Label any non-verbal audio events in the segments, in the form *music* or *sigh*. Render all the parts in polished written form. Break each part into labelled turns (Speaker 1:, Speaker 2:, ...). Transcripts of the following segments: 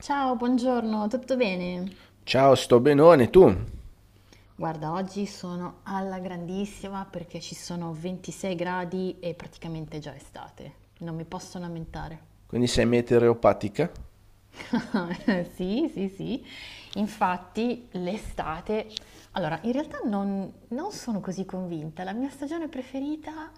Speaker 1: Ciao, buongiorno, tutto bene?
Speaker 2: Ciao, sto benone, tu?
Speaker 1: Guarda, oggi sono alla grandissima perché ci sono 26 gradi e praticamente è già estate. Non mi posso lamentare.
Speaker 2: Quindi sei meteoropatica?
Speaker 1: *laughs* Sì, sì, sì. Infatti l'estate allora, in realtà non sono così convinta. La mia stagione preferita,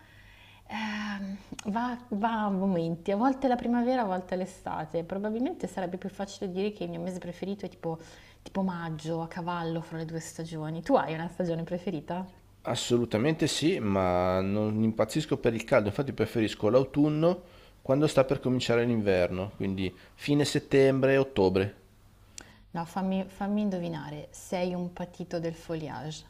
Speaker 1: ehm, va a momenti, a volte è la primavera, a volte è l'estate. Probabilmente sarebbe più facile dire che il mio mese preferito è tipo maggio, a cavallo fra le 2 stagioni. Tu hai una stagione preferita?
Speaker 2: Assolutamente sì, ma non impazzisco per il caldo, infatti preferisco l'autunno quando sta per cominciare l'inverno, quindi fine settembre, ottobre.
Speaker 1: No, fammi indovinare, sei un patito del foliage.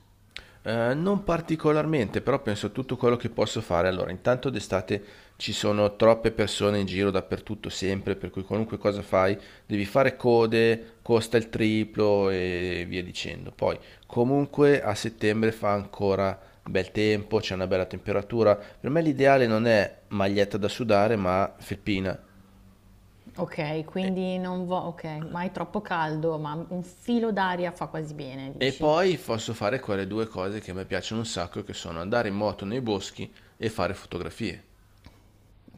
Speaker 2: Non particolarmente, però penso a tutto quello che posso fare. Allora, intanto d'estate ci sono troppe persone in giro dappertutto, sempre, per cui qualunque cosa fai devi fare code, costa il triplo e via dicendo. Poi, comunque, a settembre fa ancora bel tempo, c'è una bella temperatura. Per me l'ideale non è maglietta da sudare, ma felpina.
Speaker 1: Okay,
Speaker 2: E,
Speaker 1: quindi non vo okay, ma è troppo caldo, ma un filo d'aria fa quasi bene,
Speaker 2: e
Speaker 1: dici?
Speaker 2: poi posso fare quelle due cose che a me piacciono un sacco, che sono andare in moto nei boschi e fare fotografie.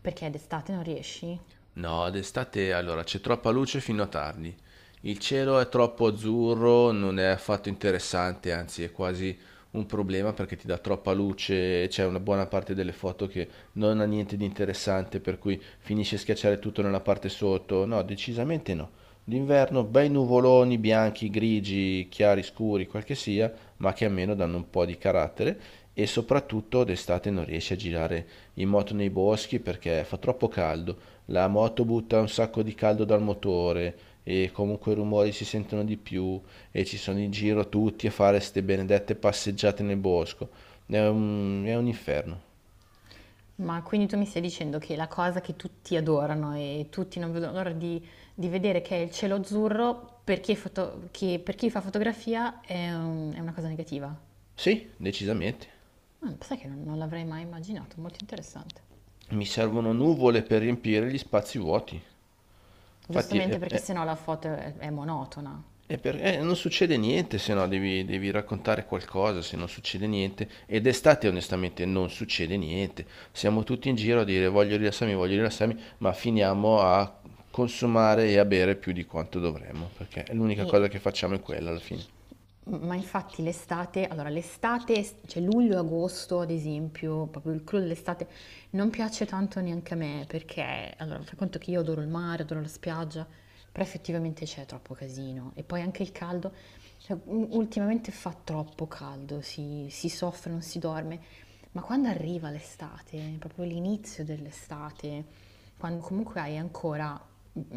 Speaker 1: Perché d'estate non riesci?
Speaker 2: No, d'estate allora c'è troppa luce fino a tardi. Il cielo è troppo azzurro, non è affatto interessante, anzi è quasi un problema perché ti dà troppa luce e c'è una buona parte delle foto che non ha niente di interessante, per cui finisce a schiacciare tutto nella parte sotto. No, decisamente no. D'inverno bei nuvoloni bianchi, grigi, chiari, scuri, quel che sia, ma che almeno danno un po' di carattere e soprattutto d'estate non riesci a girare in moto nei boschi perché fa troppo caldo, la moto butta un sacco di caldo dal motore e comunque i rumori si sentono di più e ci sono in giro tutti a fare ste benedette passeggiate nel bosco. È un inferno.
Speaker 1: Ma quindi tu mi stai dicendo che la cosa che tutti adorano e tutti non vedono l'ora di vedere che è il cielo azzurro, per chi, è foto- che per chi fa fotografia è, un- è una cosa negativa?
Speaker 2: Sì, decisamente.
Speaker 1: Ah, sai che non l'avrei mai immaginato, molto interessante.
Speaker 2: Mi servono nuvole per riempire gli spazi vuoti. Infatti,
Speaker 1: Giustamente perché sennò la foto è monotona.
Speaker 2: è per- Non succede niente, se no devi raccontare qualcosa, se non succede niente. Ed estate, onestamente, non succede niente. Siamo tutti in giro a dire voglio rilassarmi, ma finiamo a consumare e a bere più di quanto dovremmo, perché l'unica cosa
Speaker 1: E
Speaker 2: che facciamo è quella alla fine.
Speaker 1: Ma infatti l'estate, allora l'estate, cioè luglio e agosto ad esempio, proprio il clou dell'estate, non piace tanto neanche a me perché, allora, fai conto che io adoro il mare, adoro la spiaggia, però effettivamente c'è troppo casino e poi anche il caldo, cioè, u- ultimamente fa troppo caldo, si soffre, non si dorme, ma quando arriva l'estate, proprio l'inizio dell'estate, quando comunque hai ancora,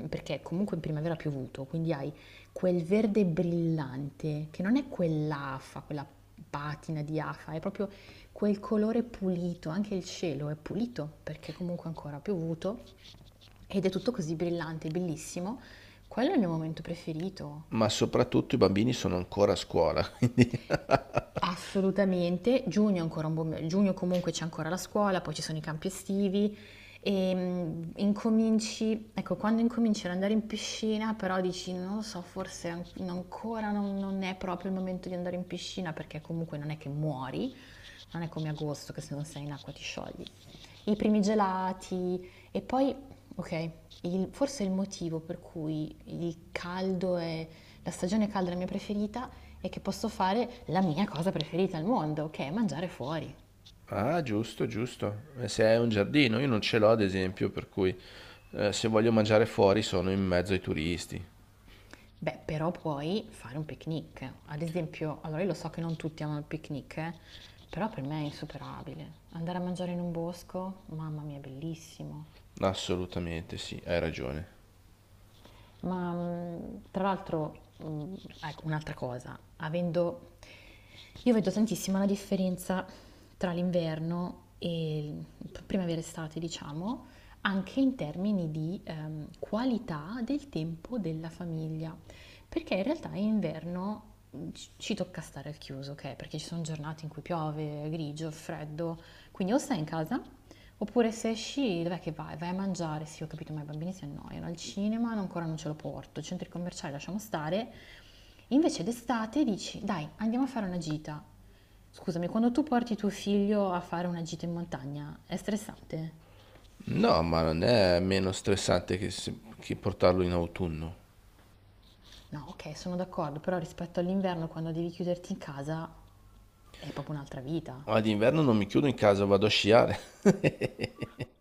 Speaker 1: perché comunque in primavera ha piovuto, quindi hai quel verde brillante, che non è quell'afa, quella patina di afa, è proprio quel colore pulito, anche il cielo è pulito perché comunque ancora ha piovuto ed è tutto così brillante, bellissimo. Quello è il mio momento preferito.
Speaker 2: Ma soprattutto i bambini sono ancora a scuola, *laughs* quindi
Speaker 1: Assolutamente, giugno è ancora un buon me- giugno comunque c'è ancora la scuola, poi ci sono i campi estivi e mm, incominci, ecco, quando incominci ad andare in piscina, però dici non lo so, forse an- ancora non è proprio il momento di andare in piscina perché comunque non è che muori, non è come agosto che se non sei in acqua ti sciogli i primi gelati e poi, ok, il- forse il motivo per cui il caldo è la stagione calda è la mia preferita è che posso fare la mia cosa preferita al mondo, che è mangiare fuori.
Speaker 2: Ah, giusto, giusto. E se hai un giardino, io non ce l'ho ad esempio, per cui se voglio mangiare fuori sono in mezzo ai turisti.
Speaker 1: Beh, però puoi fare un picnic. Ad esempio, allora io lo so che non tutti amano il picnic, però per me è insuperabile. Andare a mangiare in un bosco, mamma mia, è bellissimo.
Speaker 2: Assolutamente sì, hai ragione.
Speaker 1: Ma tra l'altro, ecco, un'altra cosa, avendo... Io vedo tantissimo la differenza tra l'inverno e il- primavera estate, diciamo, anche in termini di qualità del tempo della famiglia. Perché in realtà in inverno ci tocca stare al chiuso, ok? Perché ci sono giornate in cui piove, è grigio, è freddo, quindi o stai in casa, oppure se esci, dov'è che vai? Vai a mangiare, sì, ho capito, ma i bambini si annoiano, al cinema no, ancora non ce lo porto, i centri commerciali lasciamo stare. Invece d'estate dici, dai, andiamo a fare una gita. Scusami, quando tu porti tuo figlio a fare una gita in montagna, è stressante?
Speaker 2: No, ma non è meno stressante che che portarlo in autunno.
Speaker 1: No, ok, sono d'accordo, però rispetto all'inverno, quando devi chiuderti in casa, è proprio un'altra vita.
Speaker 2: Ma d'inverno non mi chiudo in casa, vado a sciare. *laughs*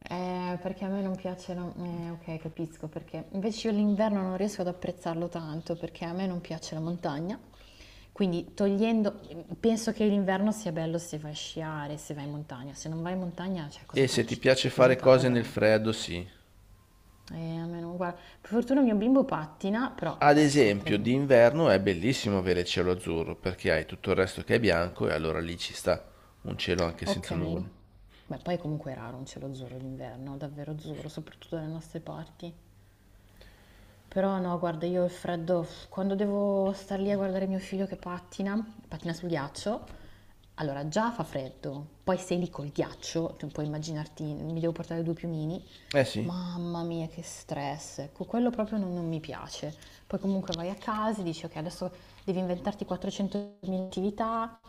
Speaker 1: Perché a me non piace la ok, capisco perché. Invece io l'inverno non riesco ad apprezzarlo tanto perché a me non piace la montagna. Quindi togliendo, penso che l'inverno sia bello se vai a sciare, se vai in montagna. Se non vai in montagna, cioè cosa
Speaker 2: E
Speaker 1: fai
Speaker 2: se
Speaker 1: in
Speaker 2: ti
Speaker 1: città?
Speaker 2: piace
Speaker 1: Stai chiuso in
Speaker 2: fare cose
Speaker 1: casa?
Speaker 2: nel freddo, sì.
Speaker 1: A me non guarda. Per fortuna mio bimbo pattina, però
Speaker 2: Ad
Speaker 1: ecco, tra
Speaker 2: esempio,
Speaker 1: di-
Speaker 2: d'inverno è bellissimo avere il cielo azzurro perché hai tutto il resto che è bianco e allora lì ci sta un cielo anche
Speaker 1: Ok.
Speaker 2: senza nuvole.
Speaker 1: Beh, poi comunque è raro un cielo azzurro d'inverno, davvero azzurro, soprattutto dalle nostre parti. Però no, guarda, io il freddo, quando devo star lì a guardare mio figlio che pattina, pattina sul ghiaccio, allora già fa freddo, poi sei lì col ghiaccio, tu puoi immaginarti, mi devo portare due piumini,
Speaker 2: Eh sì.
Speaker 1: mamma mia che stress, ecco, quello proprio non mi piace. Poi comunque vai a casa e dici ok, adesso devi inventarti 400.000 attività.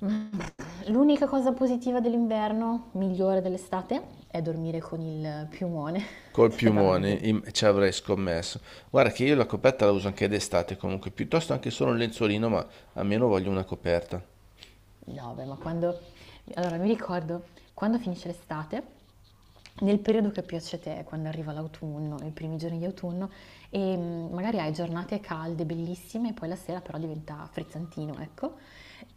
Speaker 1: *laughs* L'unica cosa positiva dell'inverno, migliore dell'estate, è dormire con il piumone, *laughs*
Speaker 2: Col
Speaker 1: che dormi
Speaker 2: piumone
Speaker 1: bene.
Speaker 2: im- ci avrei scommesso. Guarda che io la coperta la uso anche d'estate comunque, piuttosto anche solo un lenzuolino, ma almeno voglio una coperta.
Speaker 1: No, beh, ma quando... Allora, mi ricordo quando finisce l'estate, nel periodo che piace a te, quando arriva l'autunno, i primi giorni di autunno, e mm, magari hai giornate calde, bellissime, e poi la sera però diventa frizzantino, ecco.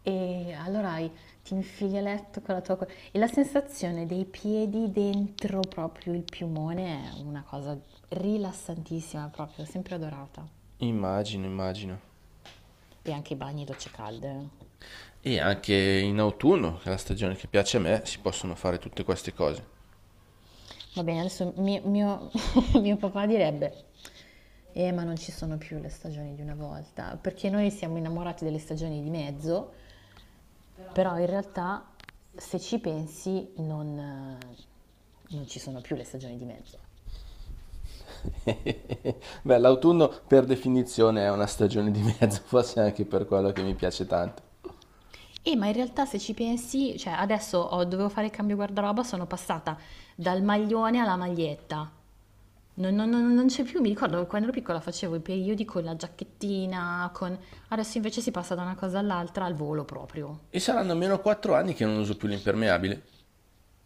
Speaker 1: E allora hai- ti infili a letto con la tua... co- E la sensazione dei piedi dentro proprio il piumone è una cosa rilassantissima, proprio, sempre adorata.
Speaker 2: Immagino, immagino.
Speaker 1: E anche i bagni e docce calde.
Speaker 2: E anche in autunno, che è la stagione che piace a me, si possono fare tutte queste cose.
Speaker 1: Va bene, adesso mio- *laughs* mio papà direbbe, *laughs* ma non ci sono più le stagioni di una volta, perché noi siamo innamorati delle stagioni di mezzo, però in realtà se ci pensi non, non ci sono più le stagioni di mezzo.
Speaker 2: *laughs* Beh, l'autunno per definizione è una stagione di mezzo, *laughs* forse anche per quello che mi piace tanto.
Speaker 1: Ma in realtà se ci pensi, cioè adesso ho- dovevo fare il cambio guardaroba, sono passata dal maglione alla maglietta. Non c'è più, mi ricordo quando ero piccola facevo i periodi con la giacchettina, con... Adesso invece si passa da una cosa all'altra al volo proprio.
Speaker 2: E saranno almeno 4 anni che non uso più l'impermeabile.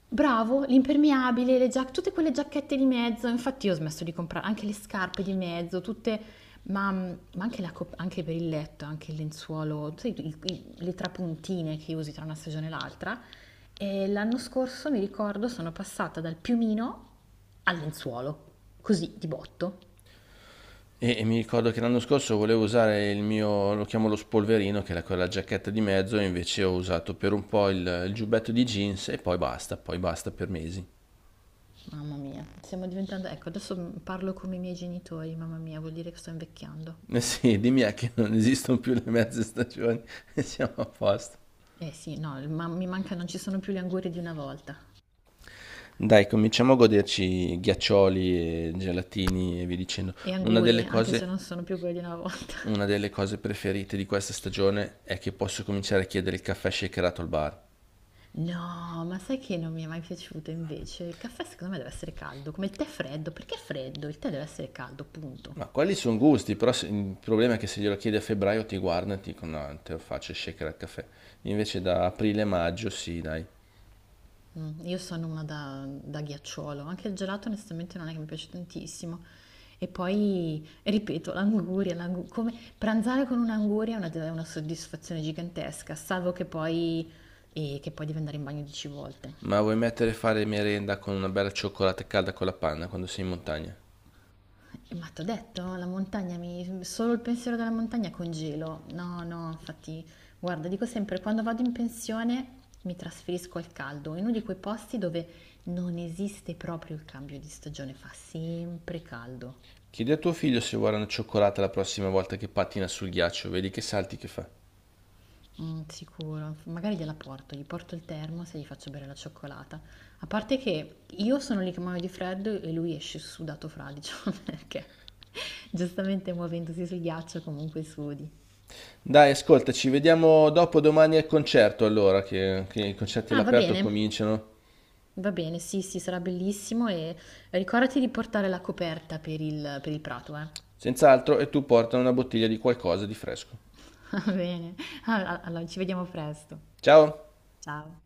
Speaker 1: Bravo, l'impermeabile, le giac tutte quelle giacchette di mezzo, infatti io ho smesso di comprare anche le scarpe di mezzo, tutte, ma anche, la cop- anche per il letto, anche il lenzuolo, sai, le trapuntine che usi tra una stagione e l'altra. E l'anno scorso, mi ricordo, sono passata dal piumino al lenzuolo, così di botto.
Speaker 2: E mi ricordo che l'anno scorso volevo usare il mio, lo chiamo lo spolverino, che era quella giacchetta di mezzo, e invece ho usato per un po' il giubbetto di jeans e poi basta per mesi.
Speaker 1: Mamma mia, stiamo diventando... Ecco, adesso parlo come i miei genitori, mamma mia, vuol dire che sto invecchiando.
Speaker 2: Eh sì, *laughs* dimmi a che non esistono più le mezze stagioni *laughs* e siamo a posto.
Speaker 1: Eh sì, no, ma- mi manca, non ci sono più le angurie di una volta.
Speaker 2: Dai, cominciamo a goderci ghiaccioli e gelatini e via dicendo.
Speaker 1: E
Speaker 2: Una delle
Speaker 1: angurie, anche se
Speaker 2: cose,
Speaker 1: non sono più quelli una volta.
Speaker 2: una
Speaker 1: *laughs*
Speaker 2: delle cose preferite di questa stagione è che posso cominciare a chiedere il caffè shakerato al bar.
Speaker 1: No, ma sai che non mi è mai piaciuto invece? Il caffè secondo me deve essere caldo, come il tè freddo. Perché è freddo? Il tè deve essere caldo, punto.
Speaker 2: Ma quelli sono gusti, però il problema è che se glielo chiedi a febbraio ti guardano e ti dicono no, te lo faccio shaker al caffè. Invece da aprile-maggio sì, dai.
Speaker 1: Mm, io sono una da ghiacciolo, anche il gelato onestamente non è che mi piace tantissimo. E poi, ripeto, l'anguria, l'angu- come pranzare con un'anguria è una soddisfazione gigantesca, salvo che poi, e che poi devi andare in bagno 10 volte.
Speaker 2: Ma vuoi mettere a fare merenda con una bella cioccolata calda con la panna quando sei in montagna?
Speaker 1: Ma t'ho detto, la montagna mi... solo il pensiero della montagna congelo. No, no, infatti, guarda, dico sempre, quando vado in pensione mi trasferisco al caldo, in uno di quei posti dove non esiste proprio il cambio di stagione, fa sempre caldo.
Speaker 2: Chiedi a tuo figlio se vuole una cioccolata la prossima volta che pattina sul ghiaccio, vedi che salti che fa.
Speaker 1: Mm, sicuro, magari gliela porto, gli porto il termos e gli faccio bere la cioccolata. A parte che io sono lì che muoio di freddo e lui esce sudato fradicio, *laughs* perché giustamente muovendosi sul ghiaccio comunque sudi.
Speaker 2: Dai, ascolta, ci vediamo dopo domani al concerto allora, che i concerti
Speaker 1: Ah, va
Speaker 2: all'aperto
Speaker 1: bene,
Speaker 2: cominciano.
Speaker 1: va bene, sì, sì, sarà bellissimo e ricordati di portare la coperta per il prato, eh.
Speaker 2: Senz'altro, e tu porta una bottiglia di qualcosa di fresco.
Speaker 1: *laughs* Va bene, allora, ci vediamo presto.
Speaker 2: Ciao!
Speaker 1: Ciao.